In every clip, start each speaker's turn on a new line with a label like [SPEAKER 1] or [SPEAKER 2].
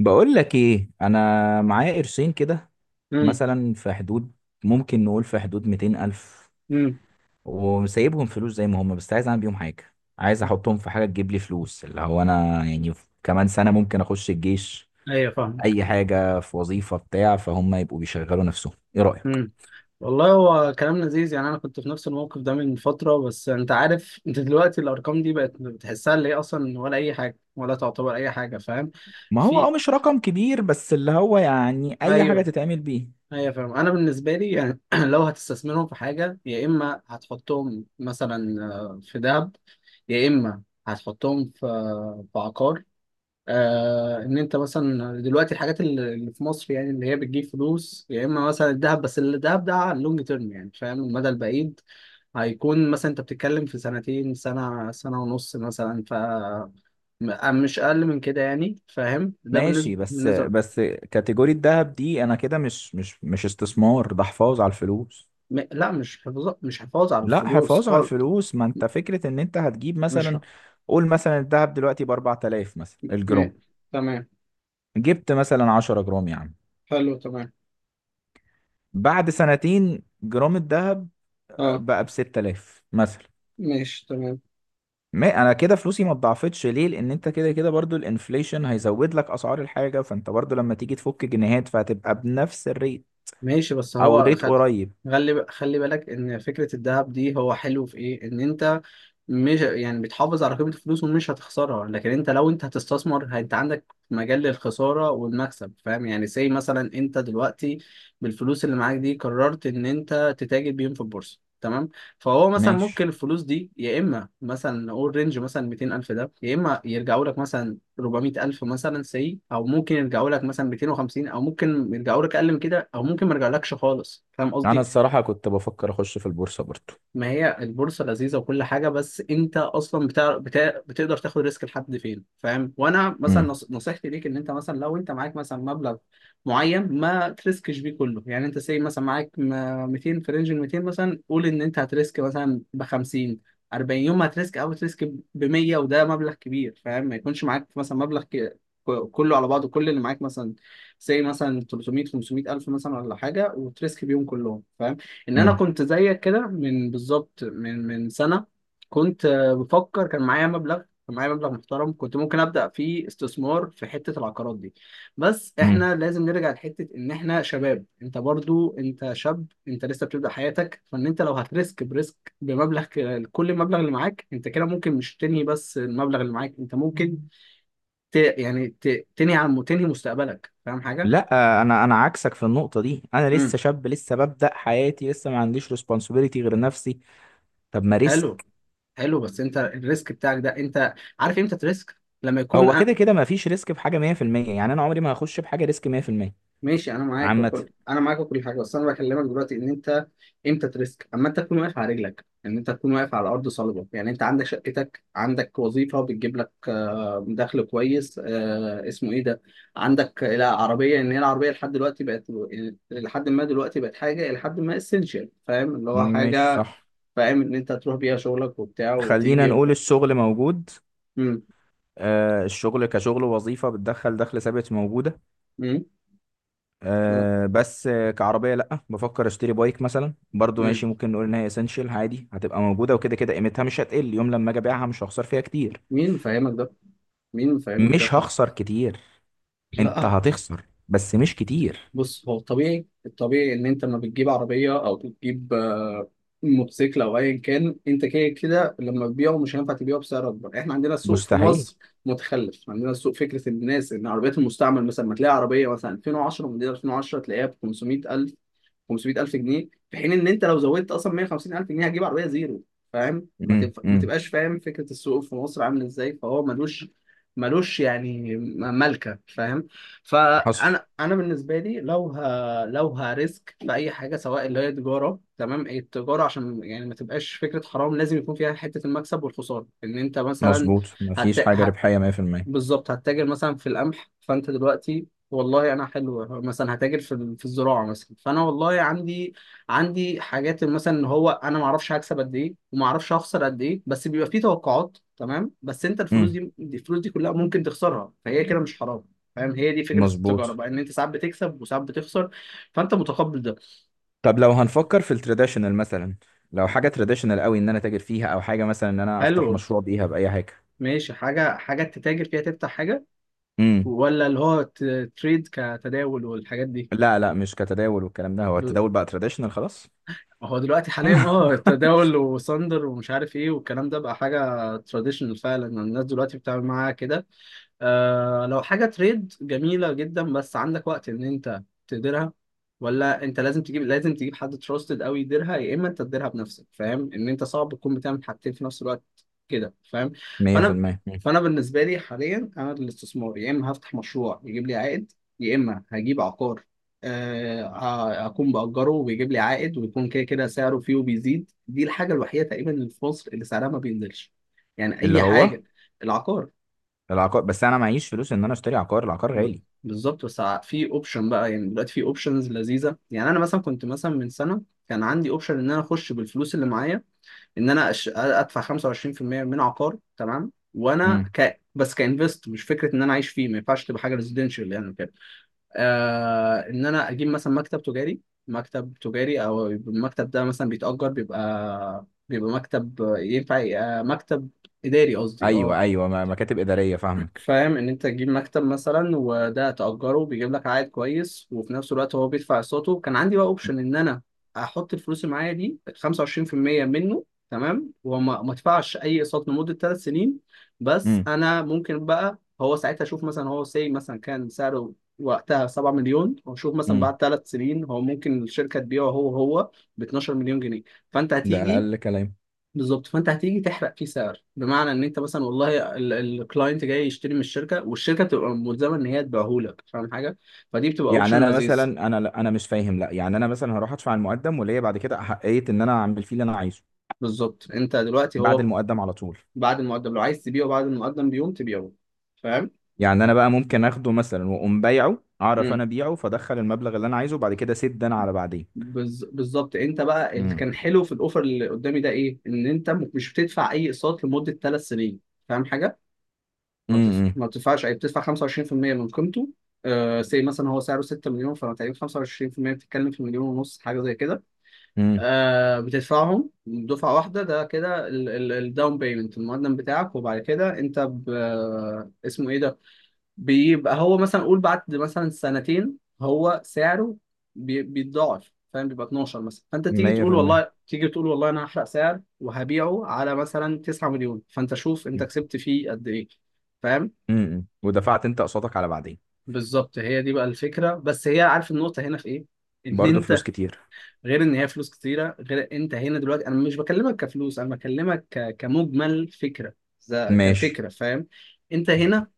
[SPEAKER 1] بقول لك ايه. انا معايا قرشين كده،
[SPEAKER 2] امم
[SPEAKER 1] مثلا في حدود. ممكن نقول في حدود 200 الف.
[SPEAKER 2] امم
[SPEAKER 1] وسايبهم فلوس زي ما هم، بس عايز اعمل بيهم حاجه. عايز احطهم في حاجه تجيب لي فلوس، اللي هو انا يعني كمان سنه ممكن اخش الجيش.
[SPEAKER 2] ايوه فاهم.
[SPEAKER 1] اي حاجه في وظيفه بتاع، فهم يبقوا بيشغلوا نفسهم. ايه رايك؟
[SPEAKER 2] امم والله هو كلام لذيذ، يعني انا كنت في نفس الموقف ده من فتره. بس انت عارف، انت دلوقتي الارقام دي بقت بتحسها اللي هي اصلا ولا اي حاجه ولا تعتبر اي حاجه، فاهم؟
[SPEAKER 1] ما هو، اه،
[SPEAKER 2] في،
[SPEAKER 1] مش رقم كبير، بس اللي هو يعني اي حاجه
[SPEAKER 2] ايوه
[SPEAKER 1] تتعمل بيه.
[SPEAKER 2] ايوه فاهم. انا بالنسبه لي يعني لو هتستثمرهم في حاجه، يا اما هتحطهم مثلا في ذهب، يا اما هتحطهم في عقار. ان انت مثلا دلوقتي الحاجات اللي في مصر يعني اللي هي بتجيب فلوس، يا اما مثلا الذهب. بس الذهب ده على اللونج تيرم، يعني فاهم، المدى البعيد. هيكون مثلا انت بتتكلم في سنتين، سنة سنة ونص مثلا. ف مش اقل من كده يعني، فاهم؟ ده بالنسبة
[SPEAKER 1] ماشي. بس
[SPEAKER 2] بالنسبة
[SPEAKER 1] بس كاتيجوري الذهب دي انا كده مش استثمار، ده حفاظ على الفلوس.
[SPEAKER 2] لا، مش حفاظ على
[SPEAKER 1] لا،
[SPEAKER 2] الفلوس
[SPEAKER 1] حفاظ على
[SPEAKER 2] خالص.
[SPEAKER 1] الفلوس. ما انت فكرة ان انت هتجيب
[SPEAKER 2] مش
[SPEAKER 1] مثلا،
[SPEAKER 2] ح...
[SPEAKER 1] قول مثلا الذهب دلوقتي ب 4000 مثلا
[SPEAKER 2] م...
[SPEAKER 1] الجرام.
[SPEAKER 2] تمام.
[SPEAKER 1] جبت مثلا 10 جرام يا عم.
[SPEAKER 2] حلو تمام.
[SPEAKER 1] بعد سنتين جرام الذهب
[SPEAKER 2] اه
[SPEAKER 1] بقى ب 6000 مثلا.
[SPEAKER 2] ماشي تمام.
[SPEAKER 1] ما انا كده فلوسي ما اتضاعفتش ليه، لان انت كده كده برضو الانفليشن هيزود لك اسعار الحاجة، فانت برضو لما تيجي تفك جنيهات فهتبقى بنفس الريت،
[SPEAKER 2] ماشي بس
[SPEAKER 1] او
[SPEAKER 2] هو
[SPEAKER 1] ريت قريب.
[SPEAKER 2] خلي بالك ان فكرة الذهب دي هو حلو في ايه، ان انت مش يعني بتحافظ على قيمة الفلوس ومش هتخسرها. لكن انت لو انت هتستثمر، انت عندك مجال للخسارة والمكسب، فاهم يعني؟ زي مثلا انت دلوقتي بالفلوس اللي معاك دي قررت ان انت تتاجر بيهم في البورصة، تمام؟ فهو مثلا
[SPEAKER 1] ماشي.
[SPEAKER 2] ممكن الفلوس دي يا اما مثلا نقول رينج مثلا 200 الف ده، يا اما يرجعوا لك مثلا 400 الف مثلا، سي، او ممكن يرجعوا لك مثلا 250، او ممكن يرجعوا لك اقل من كده، او ممكن ما يرجعلكش خالص، فاهم
[SPEAKER 1] انا
[SPEAKER 2] قصدي؟
[SPEAKER 1] الصراحة كنت بفكر اخش في البورصة برضو.
[SPEAKER 2] ما هي البورصة لذيذة وكل حاجة، بس أنت أصلا بتقدر تاخد ريسك لحد فين، فاهم؟ وأنا مثلا نصيحتي ليك إن أنت مثلا لو أنت معاك مثلا مبلغ معين، ما تريسكش بيه كله. يعني أنت سي مثلا معاك 200، في رينج ال 200 مثلا قول إن أنت هتريسك مثلا ب 50 40. يوم ما هتريسك أو تريسك ب 100 وده مبلغ كبير، فاهم؟ ما يكونش معاك مثلا مبلغ كله على بعضه، كل اللي معاك مثلا زي مثلا 300 500 ألف مثلا ولا حاجة، وتريسك بيهم كلهم. ان انا
[SPEAKER 1] امم.
[SPEAKER 2] كنت زيك كده من بالظبط من سنه. كنت بفكر، كان معايا مبلغ محترم، كنت ممكن ابدا فيه استثمار في حته العقارات دي. بس احنا لازم نرجع لحته ان احنا شباب، انت برضو انت شاب، انت لسه بتبدا حياتك. فان انت لو هتريسك بريسك بمبلغ كل المبلغ اللي معاك انت، كده ممكن مش تنهي. بس المبلغ اللي معاك انت ممكن ت... يعني ت... تنهي مستقبلك، فاهم حاجه؟
[SPEAKER 1] لا، انا عكسك في النقطه دي. انا لسه شاب، لسه ببدا حياتي، لسه ما عنديش ريسبونسبيلتي غير نفسي. طب ما
[SPEAKER 2] حلو.
[SPEAKER 1] ريسك.
[SPEAKER 2] حلو، بس انت الريسك بتاعك ده، انت عارف امتى تريسك؟ لما يكون
[SPEAKER 1] هو كده كده ما فيش ريسك في حاجه 100%. يعني انا عمري ما هخش بحاجه ريسك 100%.
[SPEAKER 2] ماشي انا معاك
[SPEAKER 1] عامه.
[SPEAKER 2] وكل، انا معاك وكل حاجه، بس انا بكلمك دلوقتي ان انت امتى تريسك. اما انت تكون واقف على رجلك، ان انت تكون واقف على ارض صلبه، يعني انت عندك شقتك، عندك وظيفه بتجيب لك دخل كويس، آه، اسمه ايه ده عندك لا عربيه، ان هي العربيه لحد دلوقتي بقت، لحد ما دلوقتي بقت حاجه، لحد ما اسينشال، فاهم؟ اللي هو
[SPEAKER 1] مش
[SPEAKER 2] حاجه
[SPEAKER 1] صح.
[SPEAKER 2] فاهم، ان انت تروح بيها شغلك وبتاع
[SPEAKER 1] خلينا
[SPEAKER 2] وتيجي
[SPEAKER 1] نقول الشغل موجود.
[SPEAKER 2] مم.
[SPEAKER 1] آه، الشغل كشغل وظيفه بتدخل دخل ثابت موجوده.
[SPEAKER 2] مم.
[SPEAKER 1] آه بس كعربيه لا. بفكر اشتري بايك مثلا برضو،
[SPEAKER 2] مم.
[SPEAKER 1] ماشي، ممكن نقول ان هي اسينشال عادي، هتبقى موجوده وكده كده قيمتها مش هتقل. يوم لما اجي ابيعها مش هخسر فيها كتير.
[SPEAKER 2] مين مفهمك ده؟ مين مفهمك ده؟
[SPEAKER 1] مش هخسر كتير. انت
[SPEAKER 2] لا.
[SPEAKER 1] هتخسر بس مش كتير.
[SPEAKER 2] بص، هو الطبيعي، الطبيعي ان انت لما بتجيب عربيه او بتجيب موتوسيكل او ايا كان، انت كده كده لما تبيعه مش هينفع تبيعه بسعر اكبر. احنا عندنا السوق في
[SPEAKER 1] مستحيل.
[SPEAKER 2] مصر متخلف. عندنا السوق فكره الناس ان عربيات المستعمل مثلا، ما تلاقي عربيه مثلا 2010، موديل 2010 تلاقيها ب 500,000، 500,000 جنيه، في حين ان انت لو زودت اصلا 150,000 جنيه هتجيب عربيه زيرو، فاهم؟
[SPEAKER 1] امم،
[SPEAKER 2] ما
[SPEAKER 1] امم.
[SPEAKER 2] تبقاش فاهم فكره السوق في مصر عامل ازاي. فهو ملوش يعني ملكه، فاهم؟
[SPEAKER 1] حصل.
[SPEAKER 2] فانا، انا بالنسبه لي لو لو هريسك في اي حاجه، سواء اللي هي تجاره تمام، التجاره عشان يعني ما تبقاش فكره حرام لازم يكون فيها حته المكسب والخساره، ان انت مثلا
[SPEAKER 1] مظبوط،
[SPEAKER 2] هت...
[SPEAKER 1] مفيش حاجة
[SPEAKER 2] ه...
[SPEAKER 1] ربحية 100%.
[SPEAKER 2] بالظبط هتتاجر مثلا في القمح. فانت دلوقتي والله انا حلو مثلا هتاجر في في الزراعه مثلا، فانا والله عندي حاجات مثلا، ان هو انا ما اعرفش هكسب قد ايه وما اعرفش هخسر قد ايه. بس بيبقى فيه توقعات تمام، بس انت الفلوس
[SPEAKER 1] امم،
[SPEAKER 2] دي، كلها ممكن تخسرها، فهي كده مش حرام، فاهم؟ هي دي فكره التجاره
[SPEAKER 1] مظبوط.
[SPEAKER 2] بقى، ان انت ساعات بتكسب وساعات بتخسر، فانت متقبل ده.
[SPEAKER 1] طب لو هنفكر في التراديشنال مثلا. لو حاجة تراديشنال قوي ان انا تاجر فيها، او حاجة مثلا ان انا افتح
[SPEAKER 2] حلو.
[SPEAKER 1] مشروع بيها بأي حاجة.
[SPEAKER 2] ماشي، حاجه حاجه تتاجر فيها، تفتح حاجه،
[SPEAKER 1] امم.
[SPEAKER 2] ولا اللي هو تريد، كتداول والحاجات دي؟
[SPEAKER 1] لا لا، مش كتداول والكلام ده. هو التداول بقى تراديشنال خلاص.
[SPEAKER 2] هو دلوقتي حاليا اه التداول وساندر ومش عارف ايه والكلام ده بقى حاجه تراديشنال فعلا، الناس دلوقتي بتتعامل معاها كده. آه، لو حاجة تريد جميلة جدا، بس عندك وقت إن أنت تديرها؟ ولا أنت لازم تجيب حد تراستد أوي يديرها، يا إما أنت تديرها بنفسك، فاهم؟ إن أنت صعب تكون بتعمل حاجتين في نفس الوقت كده، فاهم؟ فأنا
[SPEAKER 1] 100%. مم.
[SPEAKER 2] فأنا بالنسبة لي حاليا أنا الاستثمار، يا إما هفتح مشروع يجيب لي عائد، يا إما هجيب عقار أكون بأجره ويجيب لي عائد، ويكون كده كده سعره فيه وبيزيد. دي الحاجة الوحيدة تقريبا اللي في مصر اللي سعرها ما بينزلش، يعني
[SPEAKER 1] اللي
[SPEAKER 2] أي
[SPEAKER 1] هو
[SPEAKER 2] حاجة العقار.
[SPEAKER 1] العقار. بس انا معيش فلوس ان انا اشتري عقار، العقار غالي.
[SPEAKER 2] بالظبط، بس في اوبشن بقى، يعني دلوقتي في اوبشنز لذيذه. يعني انا مثلا كنت مثلا من سنه كان عندي اوبشن ان انا اخش بالفلوس اللي معايا، ان انا ادفع 25% من عقار تمام، وانا
[SPEAKER 1] امم.
[SPEAKER 2] بس كانفست، مش فكره ان انا عايش فيه، ما ينفعش تبقى حاجه ريزيدنشال يعني كده. ان انا اجيب مثلا مكتب تجاري، او يبقى المكتب ده مثلا بيتأجر، بيبقى مكتب ينفع يبقى مكتب اداري قصدي،
[SPEAKER 1] ايوه
[SPEAKER 2] اه.
[SPEAKER 1] ايوه، مكاتب إدارية، فاهمك.
[SPEAKER 2] فاهم ان انت تجيب مكتب مثلا، وده تأجره بيجيب لك عائد كويس، وفي نفس الوقت هو بيدفع اقساطه. كان عندي بقى اوبشن ان انا احط الفلوس اللي معايا دي 25% منه، تمام، وما ما ادفعش اي اقساط لمدة 3 سنين. بس
[SPEAKER 1] امم،
[SPEAKER 2] انا ممكن بقى هو ساعتها اشوف مثلا، هو سي مثلا كان سعره وقتها 7 مليون، واشوف مثلا
[SPEAKER 1] امم.
[SPEAKER 2] بعد 3 سنين هو ممكن الشركة تبيعه هو ب 12 مليون جنيه، فانت
[SPEAKER 1] ده
[SPEAKER 2] هتيجي.
[SPEAKER 1] اقل كلام.
[SPEAKER 2] بالظبط، فانت هتيجي تحرق فيه سعر، بمعنى ان انت مثلا والله الكلاينت جاي يشتري من الشركه، والشركه بتبقى ملزمه ان هي تبيعهولك، فاهم حاجه؟ فدي بتبقى
[SPEAKER 1] يعني
[SPEAKER 2] اوبشن
[SPEAKER 1] انا مثلا
[SPEAKER 2] لذيذ.
[SPEAKER 1] انا مش فاهم. لا يعني انا مثلا هروح ادفع المقدم، وليا بعد كده احقيه ان انا اعمل فيه اللي انا عايزه.
[SPEAKER 2] بالظبط. انت دلوقتي
[SPEAKER 1] بعد
[SPEAKER 2] هو
[SPEAKER 1] المقدم على طول.
[SPEAKER 2] بعد المقدم، لو عايز تبيعه بعد المقدم بيوم تبيعه، فاهم؟
[SPEAKER 1] يعني انا بقى ممكن اخده مثلا واقوم بايعه، اعرف
[SPEAKER 2] امم.
[SPEAKER 1] انا ابيعه، فادخل المبلغ اللي انا عايزه، وبعد كده اسد انا على بعدين.
[SPEAKER 2] بالظبط. انت بقى اللي
[SPEAKER 1] امم،
[SPEAKER 2] كان حلو في الاوفر اللي قدامي ده ايه، ان انت مش بتدفع اي اقساط لمده 3 سنين، فاهم حاجه؟
[SPEAKER 1] امم،
[SPEAKER 2] ما بتدفعش أي، بتدفع 25% من قيمته. آه سي مثلا هو سعره 6 مليون، فأنت تقريبا 25% بتتكلم في مليون ونص حاجة زي كده.
[SPEAKER 1] امم.
[SPEAKER 2] بتدفعهم دفعة واحدة. ده كده الداون بيمنت، المقدم بتاعك، وبعد كده أنت ب... آه، اسمه إيه ده بيبقى هو مثلا، قول بعد مثلا سنتين هو سعره بيتضاعف، فاهم؟ بيبقى 12 مثلا، فانت تيجي تقول
[SPEAKER 1] 100%.
[SPEAKER 2] والله، انا هحرق سعر وهبيعه على مثلا 9 مليون، فانت شوف انت كسبت فيه قد ايه، فاهم؟
[SPEAKER 1] امم، ودفعت انت قسطك على بعدين.
[SPEAKER 2] بالظبط، هي دي بقى الفكره. بس هي، عارف النقطه هنا في ايه؟ ان
[SPEAKER 1] برضه
[SPEAKER 2] انت
[SPEAKER 1] فلوس كتير.
[SPEAKER 2] غير ان هي فلوس كتيره، غير انت هنا دلوقتي انا مش بكلمك كفلوس، انا بكلمك كمجمل فكره، ز-
[SPEAKER 1] ماشي.
[SPEAKER 2] كفكره، فاهم؟ انت هنا،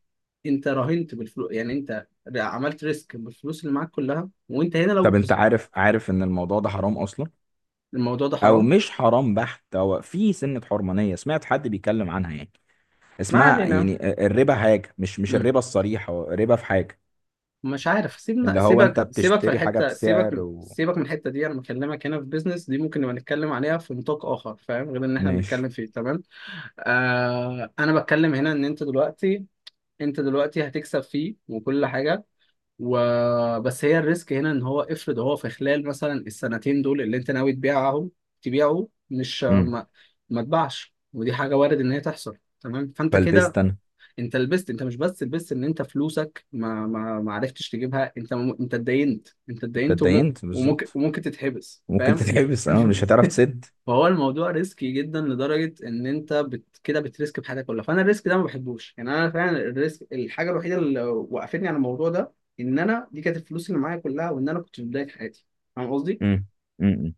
[SPEAKER 2] انت راهنت بالفلوس. يعني انت عملت ريسك بالفلوس اللي معاك كلها، وانت هنا لو
[SPEAKER 1] طب انت عارف ان الموضوع ده حرام اصلا.
[SPEAKER 2] الموضوع ده
[SPEAKER 1] او
[SPEAKER 2] حرام.
[SPEAKER 1] مش حرام بحت، هو في سنة حرمانية سمعت حد بيتكلم عنها يعني،
[SPEAKER 2] ما
[SPEAKER 1] اسمها
[SPEAKER 2] علينا.
[SPEAKER 1] يعني الربا. حاجة مش الربا الصريح، هو ربا في حاجة.
[SPEAKER 2] مش عارف، سيبنا
[SPEAKER 1] اللي هو انت
[SPEAKER 2] سيبك سيبك في
[SPEAKER 1] بتشتري حاجة
[SPEAKER 2] الحته
[SPEAKER 1] بسعر
[SPEAKER 2] سيبك
[SPEAKER 1] و،
[SPEAKER 2] سيبك من الحته دي، انا بكلمك هنا في بيزنس دي، ممكن نبقى نتكلم عليها في نطاق اخر فاهم، غير ان احنا بنتكلم
[SPEAKER 1] ماشي.
[SPEAKER 2] فيه تمام. آه انا بتكلم هنا ان انت دلوقتي، هتكسب فيه وكل حاجه وبس. هي الريسك هنا ان هو افرض هو في خلال مثلا السنتين دول اللي انت ناوي تبيعهم، تبيعه مش
[SPEAKER 1] امم.
[SPEAKER 2] ما تباعش، ودي حاجه وارد ان هي تحصل تمام، فانت كده
[SPEAKER 1] فلبست انا.
[SPEAKER 2] انت لبست. انت مش بس لبست، ان انت فلوسك ما عرفتش تجيبها، انت انت اتدينت،
[SPEAKER 1] انت اتدينت
[SPEAKER 2] وممكن
[SPEAKER 1] بالظبط.
[SPEAKER 2] وممكن تتحبس،
[SPEAKER 1] ممكن
[SPEAKER 2] فاهم؟
[SPEAKER 1] تتحبس، اه، مش هتعرف تسد.
[SPEAKER 2] فهو الموضوع ريسكي جدا لدرجه ان انت كده بتريسك بحياتك كلها، فانا الريسك ده ما بحبوش يعني. انا فعلا الريسك الحاجه الوحيده اللي وقفتني على الموضوع ده، ان انا دي كانت الفلوس اللي معايا كلها، وان انا كنت في بدايه حياتي، فاهم قصدي؟
[SPEAKER 1] امم، امم.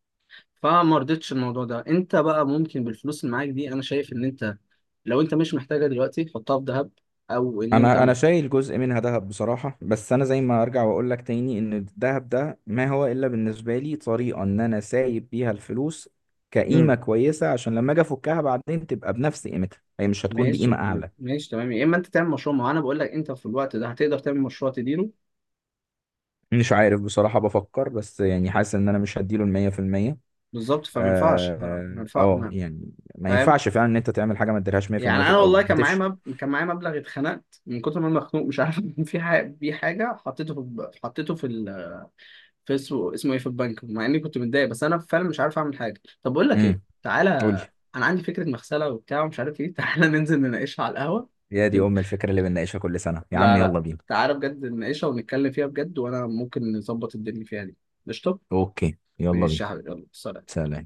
[SPEAKER 2] فما رضيتش الموضوع ده. انت بقى ممكن بالفلوس اللي معاك دي، انا شايف ان انت لو انت مش محتاجها دلوقتي حطها في ذهب، او ان انت
[SPEAKER 1] انا شايل جزء منها ذهب بصراحة. بس انا زي ما ارجع واقول لك تاني، ان الذهب ده ما هو الا بالنسبة لي طريقة ان انا سايب بيها الفلوس كقيمة
[SPEAKER 2] مم.
[SPEAKER 1] كويسة، عشان لما اجي افكها بعدين تبقى بنفس قيمتها، هي مش هتكون بقيمة
[SPEAKER 2] ماشي.
[SPEAKER 1] اعلى.
[SPEAKER 2] ماشي تمام، يا اما انت تعمل مشروع، ما هو انا بقول لك انت في الوقت ده هتقدر تعمل مشروع تديره.
[SPEAKER 1] مش عارف بصراحة، بفكر، بس يعني حاسس ان انا مش هديله المية في المية.
[SPEAKER 2] بالظبط، فما
[SPEAKER 1] اه.
[SPEAKER 2] ينفعش ها، ما ينفع- ما-
[SPEAKER 1] يعني ما
[SPEAKER 2] فاهم؟
[SPEAKER 1] ينفعش فعلا ان انت تعمل حاجة ما تديلهاش مية في
[SPEAKER 2] يعني
[SPEAKER 1] المية، في
[SPEAKER 2] انا والله
[SPEAKER 1] الاول
[SPEAKER 2] كان معايا
[SPEAKER 1] هتفشل.
[SPEAKER 2] كان معايا مبلغ، اتخنقت من كتر ما انا مخنوق مش عارف في حاجه بيه، حاجه حطيته في حطيته في اسمه ايه، في البنك، مع اني كنت متضايق، بس انا فعلا مش عارف اعمل حاجه. طب بقول لك ايه،
[SPEAKER 1] امم.
[SPEAKER 2] تعالى
[SPEAKER 1] قول لي.
[SPEAKER 2] انا عندي فكره مغسله وبتاع ومش عارف ايه تعالى ننزل نناقشها على القهوه.
[SPEAKER 1] يا دي
[SPEAKER 2] دل...
[SPEAKER 1] ام الفكرة اللي بنناقشها كل سنة يا عم،
[SPEAKER 2] لا لا،
[SPEAKER 1] يلا بينا.
[SPEAKER 2] تعالى بجد نناقشها ونتكلم فيها بجد، وانا ممكن نظبط الدنيا فيها دي. قشطه.
[SPEAKER 1] اوكي، يلا
[SPEAKER 2] ماشي
[SPEAKER 1] بينا.
[SPEAKER 2] يا حبيبي يلا سلام.
[SPEAKER 1] سلام.